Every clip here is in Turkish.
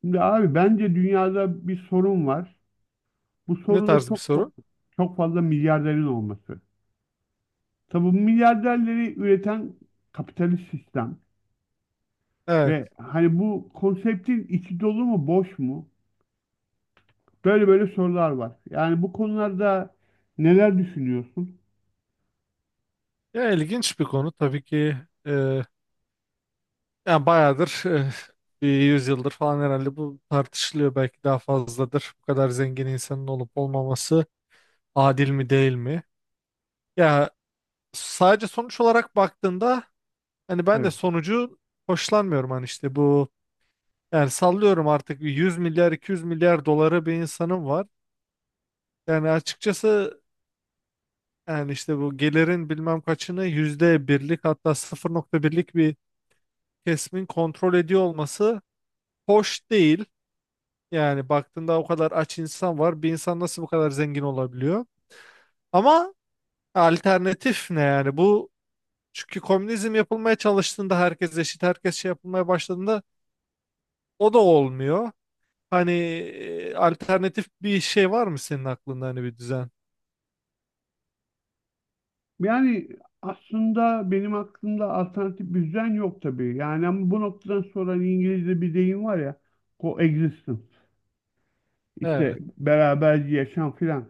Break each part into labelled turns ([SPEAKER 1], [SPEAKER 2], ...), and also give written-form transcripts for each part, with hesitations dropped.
[SPEAKER 1] Şimdi abi bence dünyada bir sorun var. Bu
[SPEAKER 2] Ne
[SPEAKER 1] sorun da
[SPEAKER 2] tarz bir soru?
[SPEAKER 1] çok fazla milyarderin olması. Tabii bu milyarderleri üreten kapitalist sistem
[SPEAKER 2] Evet.
[SPEAKER 1] ve hani bu konseptin içi dolu mu boş mu? Böyle böyle sorular var. Yani bu konularda neler düşünüyorsun?
[SPEAKER 2] Ya ilginç bir konu tabii ki. E, Yani bayağıdır bir yüzyıldır falan herhalde bu tartışılıyor. Belki daha fazladır. Bu kadar zengin insanın olup olmaması adil mi değil mi? Ya sadece sonuç olarak baktığında hani ben de
[SPEAKER 1] Evet.
[SPEAKER 2] sonucu hoşlanmıyorum hani işte bu yani sallıyorum artık bir 100 milyar 200 milyar doları bir insanım var. Yani açıkçası yani işte bu gelirin bilmem kaçını yüzde birlik hatta 0,1'lik bir kesimin kontrol ediyor olması hoş değil. Yani baktığında o kadar aç insan var. Bir insan nasıl bu kadar zengin olabiliyor? Ama alternatif ne yani? Bu çünkü komünizm yapılmaya çalıştığında herkes eşit, herkes şey yapılmaya başladığında o da olmuyor. Hani alternatif bir şey var mı senin aklında hani bir düzen?
[SPEAKER 1] Yani aslında benim aklımda alternatif bir düzen yok tabii. Yani ama bu noktadan sonra hani İngilizce bir deyim var ya, coexistence. İşte
[SPEAKER 2] Evet.
[SPEAKER 1] beraberce yaşam filan.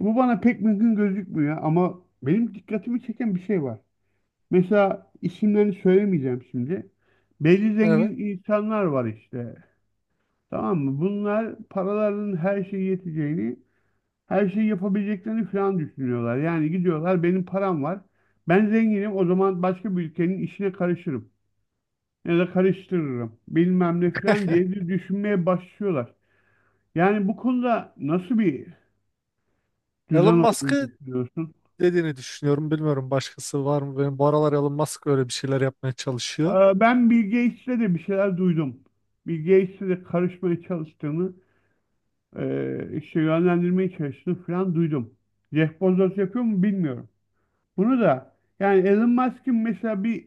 [SPEAKER 1] Bu bana pek mümkün gözükmüyor ama benim dikkatimi çeken bir şey var. Mesela isimlerini söylemeyeceğim şimdi. Belli
[SPEAKER 2] Evet.
[SPEAKER 1] zengin insanlar var işte. Tamam mı? Bunlar paralarının her şeye yeteceğini, her şeyi yapabileceklerini falan düşünüyorlar. Yani gidiyorlar benim param var. Ben zenginim o zaman başka bir ülkenin işine karışırım. Ya da karıştırırım. Bilmem ne falan diye bir düşünmeye başlıyorlar. Yani bu konuda nasıl bir
[SPEAKER 2] Elon
[SPEAKER 1] düzen olduğunu
[SPEAKER 2] Musk'ı
[SPEAKER 1] düşünüyorsun?
[SPEAKER 2] dediğini düşünüyorum. Bilmiyorum başkası var mı? Benim bu aralar Elon Musk öyle bir şeyler yapmaya çalışıyor.
[SPEAKER 1] Ben Bill Gates'le de bir şeyler duydum. Bill Gates'le de karışmaya çalıştığını, işte yönlendirmeye çalıştığını falan duydum. Jeff Bezos yapıyor mu bilmiyorum. Bunu da yani Elon Musk'ın mesela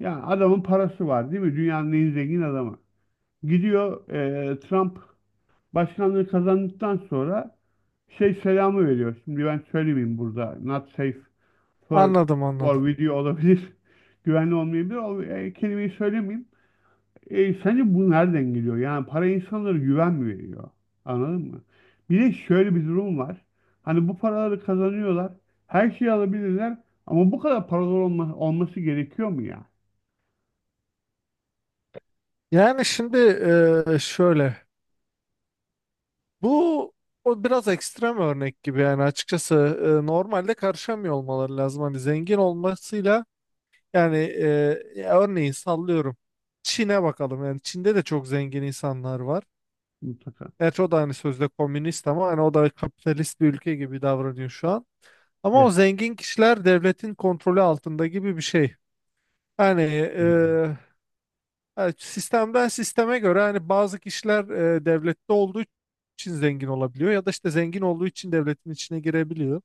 [SPEAKER 1] yani adamın parası var değil mi? Dünyanın en zengin adamı. Gidiyor Trump başkanlığı kazandıktan sonra şey selamı veriyor. Şimdi ben söylemeyeyim burada. Not safe for,
[SPEAKER 2] Anladım anladım.
[SPEAKER 1] for video olabilir. Güvenli olmayabilir. O kelimeyi söylemeyeyim. Sence bu nereden geliyor? Yani para insanlara güven mi veriyor? Anladın mı? Bir de şöyle bir durum var. Hani bu paraları kazanıyorlar. Her şeyi alabilirler. Ama bu kadar paralar olması gerekiyor mu ya?
[SPEAKER 2] Yani şimdi şöyle bu o biraz ekstrem örnek gibi yani açıkçası normalde karışamıyor olmaları lazım hani zengin olmasıyla yani ya örneğin sallıyorum Çin'e bakalım yani Çin'de de çok zengin insanlar var.
[SPEAKER 1] Mutlaka.
[SPEAKER 2] Gerçi o da hani sözde komünist ama hani o da kapitalist bir ülke gibi davranıyor şu an. Ama o
[SPEAKER 1] Evet.
[SPEAKER 2] zengin kişiler devletin kontrolü altında gibi bir şey. Yani
[SPEAKER 1] Hı.
[SPEAKER 2] Yani sistemden sisteme göre hani bazı kişiler devlette olduğu için zengin olabiliyor ya da işte zengin olduğu için devletin içine girebiliyor.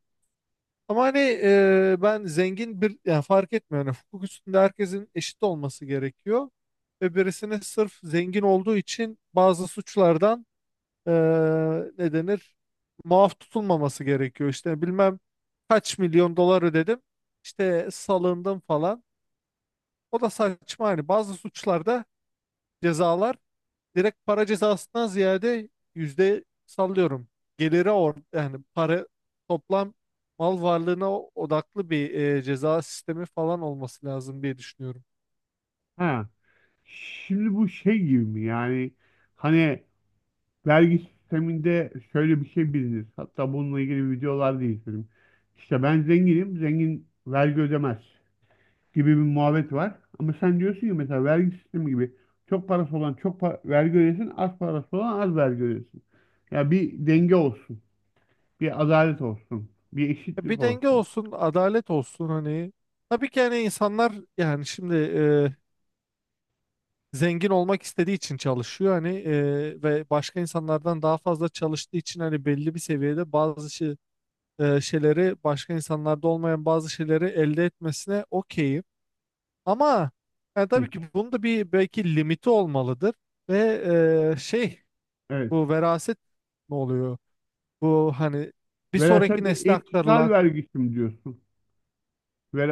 [SPEAKER 2] Ama hani ben zengin bir yani fark etmiyor. Yani hukuk üstünde herkesin eşit olması gerekiyor. Ve birisini sırf zengin olduğu için bazı suçlardan e, ne denir muaf tutulmaması gerekiyor. İşte bilmem kaç milyon dolar ödedim işte salındım falan. O da saçma hani bazı suçlarda cezalar direkt para cezasından ziyade yüzde sallıyorum. Geliri or yani para toplam mal varlığına odaklı bir ceza sistemi falan olması lazım diye düşünüyorum.
[SPEAKER 1] Ha. Şimdi bu şey gibi mi? Yani hani vergi sisteminde şöyle bir şey bilinir. Hatta bununla ilgili videolar da izledim. İşte ben zenginim. Zengin vergi ödemez gibi bir muhabbet var. Ama sen diyorsun ki mesela vergi sistemi gibi çok parası olan vergi ödesin, az parası olan az vergi ödesin. Ya bir denge olsun, bir adalet olsun, bir
[SPEAKER 2] Ya
[SPEAKER 1] eşitlik
[SPEAKER 2] bir denge
[SPEAKER 1] olsun.
[SPEAKER 2] olsun, adalet olsun hani. Tabii ki hani insanlar yani şimdi zengin olmak istediği için çalışıyor hani ve başka insanlardan daha fazla çalıştığı için hani belli bir seviyede bazı şeyleri başka insanlarda olmayan bazı şeyleri elde etmesine okeyim. Ama yani
[SPEAKER 1] Hı.
[SPEAKER 2] tabii ki bunun da bir belki limiti olmalıdır ve e, şey
[SPEAKER 1] Evet.
[SPEAKER 2] bu veraset ne oluyor? Bu hani bir
[SPEAKER 1] Veraset
[SPEAKER 2] sonraki
[SPEAKER 1] ve
[SPEAKER 2] nesle
[SPEAKER 1] intikal
[SPEAKER 2] aktarılan
[SPEAKER 1] vergisi mi diyorsun?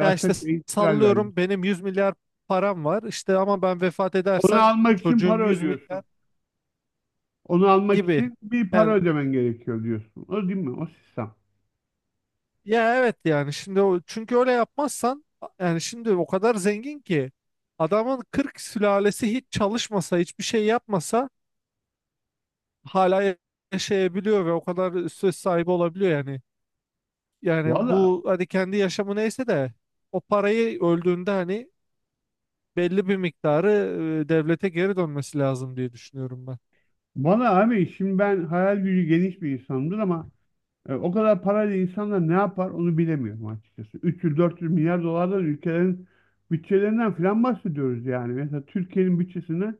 [SPEAKER 2] ya işte
[SPEAKER 1] ve intikal vergisi.
[SPEAKER 2] sallıyorum benim 100 milyar param var işte ama ben vefat
[SPEAKER 1] Onu
[SPEAKER 2] edersem
[SPEAKER 1] almak için
[SPEAKER 2] çocuğum
[SPEAKER 1] para
[SPEAKER 2] 100 milyar
[SPEAKER 1] ödüyorsun. Onu almak
[SPEAKER 2] gibi.
[SPEAKER 1] için bir para
[SPEAKER 2] Yani
[SPEAKER 1] ödemen gerekiyor diyorsun. O değil mi? O sistem.
[SPEAKER 2] ya evet yani şimdi o, çünkü öyle yapmazsan yani şimdi o kadar zengin ki adamın 40 sülalesi hiç çalışmasa hiçbir şey yapmasa hala yaşayabiliyor ve o kadar söz sahibi olabiliyor yani. Yani
[SPEAKER 1] Valla
[SPEAKER 2] bu hani kendi yaşamı neyse de o parayı öldüğünde hani belli bir miktarı devlete geri dönmesi lazım diye düşünüyorum ben.
[SPEAKER 1] bana abi şimdi ben hayal gücü geniş bir insanımdır ama o kadar parayla insanlar ne yapar onu bilemiyorum açıkçası. 300-400 milyar dolardan ülkelerin bütçelerinden falan bahsediyoruz yani. Mesela Türkiye'nin bütçesine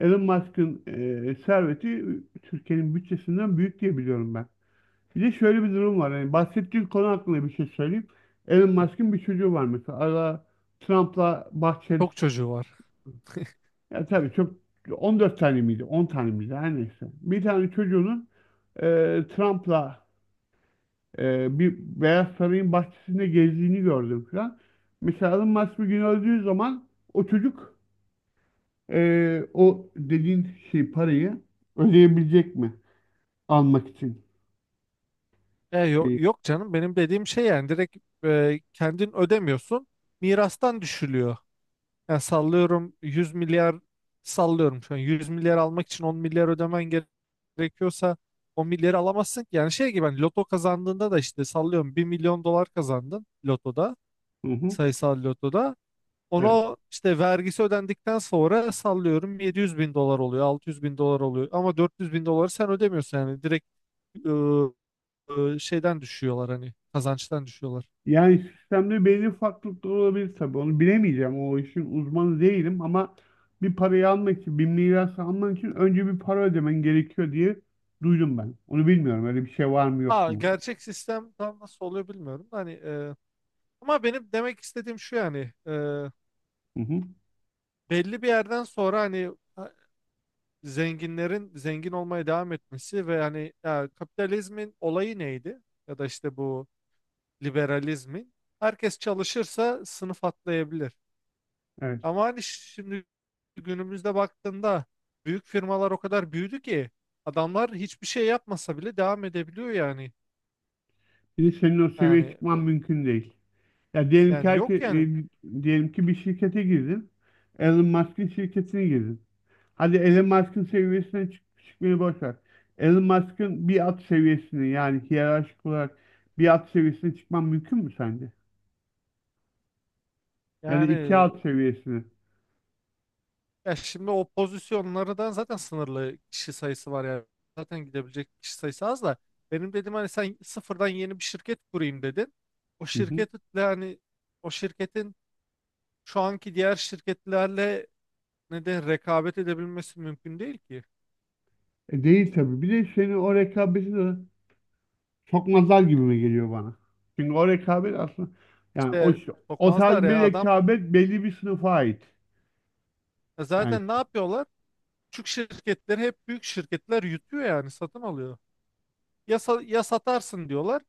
[SPEAKER 1] Elon Musk'ın serveti Türkiye'nin bütçesinden büyük diye biliyorum ben. Bir de şöyle bir durum var. Yani bahsettiğin konu hakkında bir şey söyleyeyim. Elon Musk'ın bir çocuğu var mesela. Ara Trump'la Bahçeli.
[SPEAKER 2] Çok çocuğu var.
[SPEAKER 1] Ya tabii çok, 14 tane miydi? 10 tane miydi? Her neyse. Bir tane çocuğunun e, Trump'la bir Beyaz Saray'ın bahçesinde gezdiğini gördüm falan. Mesela Elon Musk bir gün öldüğü zaman o çocuk o dediğin şey parayı ödeyebilecek mi? Almak için
[SPEAKER 2] E, yo-
[SPEAKER 1] şeyi.
[SPEAKER 2] yok canım benim dediğim şey yani direkt kendin ödemiyorsun mirastan düşülüyor. Yani sallıyorum 100 milyar sallıyorum şu an 100 milyar almak için 10 milyar ödemen gerekiyorsa 10 milyarı alamazsın ki. Yani şey gibi hani loto kazandığında da işte sallıyorum bir milyon dolar kazandın lotoda
[SPEAKER 1] Hı hı.
[SPEAKER 2] sayısal lotoda.
[SPEAKER 1] Evet.
[SPEAKER 2] Ona işte vergisi ödendikten sonra sallıyorum 700 bin dolar oluyor 600 bin dolar oluyor ama 400 bin doları sen ödemiyorsun yani direkt ıı, şeyden düşüyorlar hani kazançtan düşüyorlar.
[SPEAKER 1] Yani sistemde belli farklılıklar olabilir tabii. Onu bilemeyeceğim. O işin uzmanı değilim ama bir parayı almak için, bir miras almak için önce bir para ödemen gerekiyor diye duydum ben. Onu bilmiyorum. Öyle bir şey var mı yok
[SPEAKER 2] Ha,
[SPEAKER 1] mu?
[SPEAKER 2] gerçek sistem tam nasıl oluyor bilmiyorum. Hani. Ama benim demek istediğim şu yani e,
[SPEAKER 1] Hı hı.
[SPEAKER 2] belli bir yerden sonra hani ha, zenginlerin zengin olmaya devam etmesi ve hani ya, kapitalizmin olayı neydi? Ya da işte bu liberalizmin herkes çalışırsa sınıf atlayabilir.
[SPEAKER 1] Evet.
[SPEAKER 2] Ama hani şimdi günümüzde baktığında büyük firmalar o kadar büyüdü ki adamlar hiçbir şey yapmasa bile devam edebiliyor yani.
[SPEAKER 1] Şimdi senin o seviyeye
[SPEAKER 2] Yani
[SPEAKER 1] çıkman mümkün değil. Ya diyelim ki
[SPEAKER 2] yani yok yani.
[SPEAKER 1] diyelim ki bir şirkete girdin. Elon Musk'ın şirketine girdin. Hadi Elon Musk'ın seviyesine çık çıkmayı boş ver. Elon Musk'ın bir at seviyesine yani hiyerarşik olarak bir at seviyesine çıkman mümkün mü sence? Ya da iki
[SPEAKER 2] Yani
[SPEAKER 1] at seviyesine.
[SPEAKER 2] ya şimdi o pozisyonlardan zaten sınırlı kişi sayısı var yani. Zaten gidebilecek kişi sayısı az da. Benim dedim hani sen sıfırdan yeni bir şirket kurayım dedin. O
[SPEAKER 1] Hı hı.
[SPEAKER 2] şirketle hani o şirketin şu anki diğer şirketlerle neden rekabet edebilmesi mümkün değil ki.
[SPEAKER 1] E değil tabii. Bir de seni o rekabeti de sokmazlar gibi mi geliyor bana? Çünkü o rekabet aslında yani o,
[SPEAKER 2] İşte
[SPEAKER 1] o
[SPEAKER 2] sokmazlar
[SPEAKER 1] tarz bir
[SPEAKER 2] ya adam
[SPEAKER 1] rekabet belli bir sınıfa ait. Yani
[SPEAKER 2] zaten ne yapıyorlar? Küçük şirketleri hep büyük şirketler yutuyor yani satın alıyor. Ya, ya satarsın diyorlar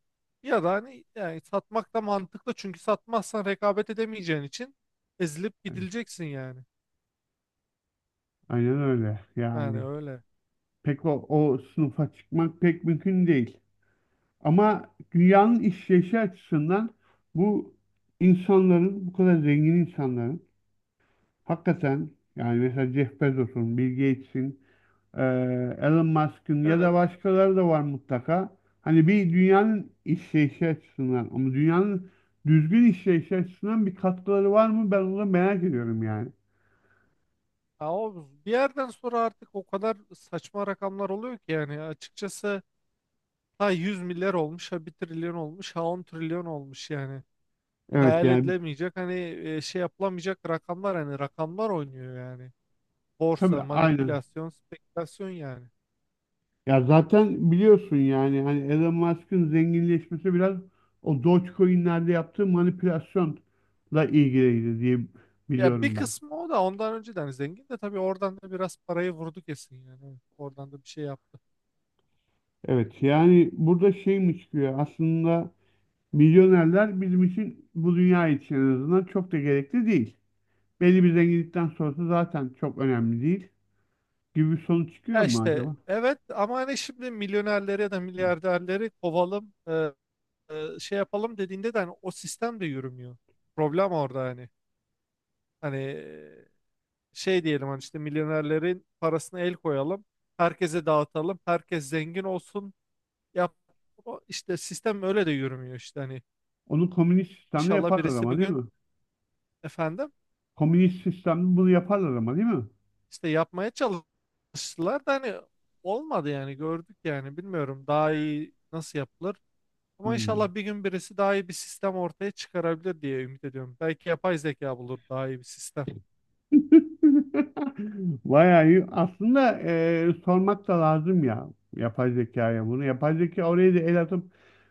[SPEAKER 2] ya da hani yani satmak da mantıklı çünkü satmazsan rekabet edemeyeceğin için ezilip gidileceksin yani.
[SPEAKER 1] aynen öyle.
[SPEAKER 2] Yani
[SPEAKER 1] Yani
[SPEAKER 2] öyle.
[SPEAKER 1] pek o sınıfa çıkmak pek mümkün değil. Ama dünyanın işleyişi açısından bu insanların, bu kadar zengin insanların hakikaten yani mesela Jeff Bezos'un, Bill Gates'in, Elon Musk'ın ya
[SPEAKER 2] Yani,
[SPEAKER 1] da başkaları da var mutlaka. Hani bir dünyanın işleyişi açısından ama dünyanın düzgün işleyişi açısından bir katkıları var mı? Ben onu merak ediyorum yani.
[SPEAKER 2] ha, o bir yerden sonra artık o kadar saçma rakamlar oluyor ki yani açıkçası ha 100 milyar olmuş ha bir trilyon olmuş ha 10 trilyon olmuş yani.
[SPEAKER 1] Evet
[SPEAKER 2] Hayal
[SPEAKER 1] yani
[SPEAKER 2] edilemeyecek hani şey yapılamayacak rakamlar hani rakamlar oynuyor yani.
[SPEAKER 1] tabii
[SPEAKER 2] Borsa,
[SPEAKER 1] aynı.
[SPEAKER 2] manipülasyon, spekülasyon yani.
[SPEAKER 1] Ya zaten biliyorsun yani hani Elon Musk'ın zenginleşmesi biraz o Dogecoin'lerde yaptığı manipülasyonla ilgiliydi diye
[SPEAKER 2] Ya bir
[SPEAKER 1] biliyorum ben.
[SPEAKER 2] kısmı o da ondan önceden zengin de tabii oradan da biraz parayı vurdu kesin yani. Evet. Oradan da bir şey yaptı.
[SPEAKER 1] Evet yani burada şey mi çıkıyor aslında milyonerler bizim için bu dünya için en azından çok da gerekli değil. Belli bir zenginlikten sonrası zaten çok önemli değil gibi bir sonuç çıkıyor
[SPEAKER 2] Ya
[SPEAKER 1] mu
[SPEAKER 2] işte
[SPEAKER 1] acaba?
[SPEAKER 2] evet ama hani şimdi milyonerleri ya da milyarderleri kovalım şey yapalım dediğinde de hani o sistem de yürümüyor. Problem orada hani. Hani şey diyelim hani işte milyonerlerin parasını el koyalım. Herkese dağıtalım. Herkes zengin olsun. Yap o işte sistem öyle de yürümüyor işte hani.
[SPEAKER 1] Onu komünist sistemde
[SPEAKER 2] İnşallah
[SPEAKER 1] yaparlar
[SPEAKER 2] birisi bir
[SPEAKER 1] ama değil
[SPEAKER 2] gün
[SPEAKER 1] mi?
[SPEAKER 2] efendim.
[SPEAKER 1] Komünist sistemde bunu yaparlar ama değil mi?
[SPEAKER 2] İşte yapmaya çalıştılar da hani olmadı yani gördük yani bilmiyorum daha iyi nasıl yapılır. Ama
[SPEAKER 1] Hmm.
[SPEAKER 2] inşallah bir gün birisi daha iyi bir sistem ortaya çıkarabilir diye ümit ediyorum. Belki yapay zeka bulur daha iyi bir sistem.
[SPEAKER 1] Bayağı iyi. Aslında sormak da lazım ya yapay zekaya bunu. Yapay zeka oraya da el atıp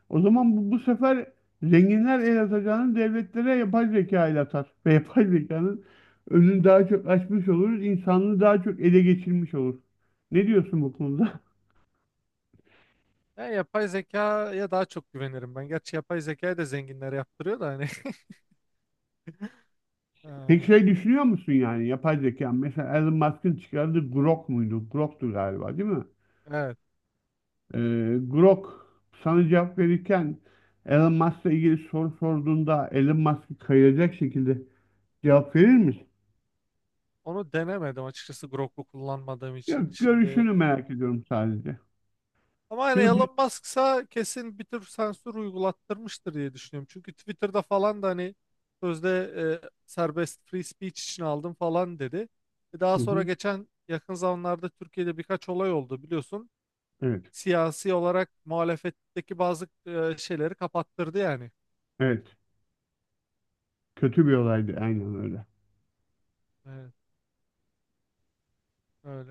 [SPEAKER 1] o zaman bu sefer zenginler el atacağını devletlere yapay zeka el atar. Ve yapay zekanın önünü daha çok açmış oluruz. İnsanlığı daha çok ele geçirmiş olur. Ne diyorsun bu konuda?
[SPEAKER 2] Ya yapay zekaya daha çok güvenirim ben. Gerçi yapay zekayı da zenginler yaptırıyor da hani.
[SPEAKER 1] Peki
[SPEAKER 2] Ee,
[SPEAKER 1] şey düşünüyor musun yani yapay zeka? Mesela Elon Musk'ın çıkardığı Grok muydu? Grok'tu galiba değil mi?
[SPEAKER 2] Evet.
[SPEAKER 1] Grok sana cevap verirken Elon Musk'la ilgili soru sorduğunda Elon Musk'ı kayıracak şekilde cevap verir misin?
[SPEAKER 2] Onu denemedim açıkçası Grok'u kullanmadığım için.
[SPEAKER 1] Yok,
[SPEAKER 2] Şimdi.
[SPEAKER 1] görüşünü merak ediyorum sadece.
[SPEAKER 2] Ama yani
[SPEAKER 1] Çünkü bir...
[SPEAKER 2] Elon Musk'sa kesin bir tür sensör uygulattırmıştır diye düşünüyorum. Çünkü Twitter'da falan da hani sözde serbest free speech için aldım falan dedi. E daha
[SPEAKER 1] Hı
[SPEAKER 2] sonra
[SPEAKER 1] hı.
[SPEAKER 2] geçen yakın zamanlarda Türkiye'de birkaç olay oldu biliyorsun.
[SPEAKER 1] Evet,
[SPEAKER 2] Siyasi olarak muhalefetteki bazı şeyleri kapattırdı yani.
[SPEAKER 1] evet. Kötü bir olaydı, aynen öyle.
[SPEAKER 2] Evet, öyle.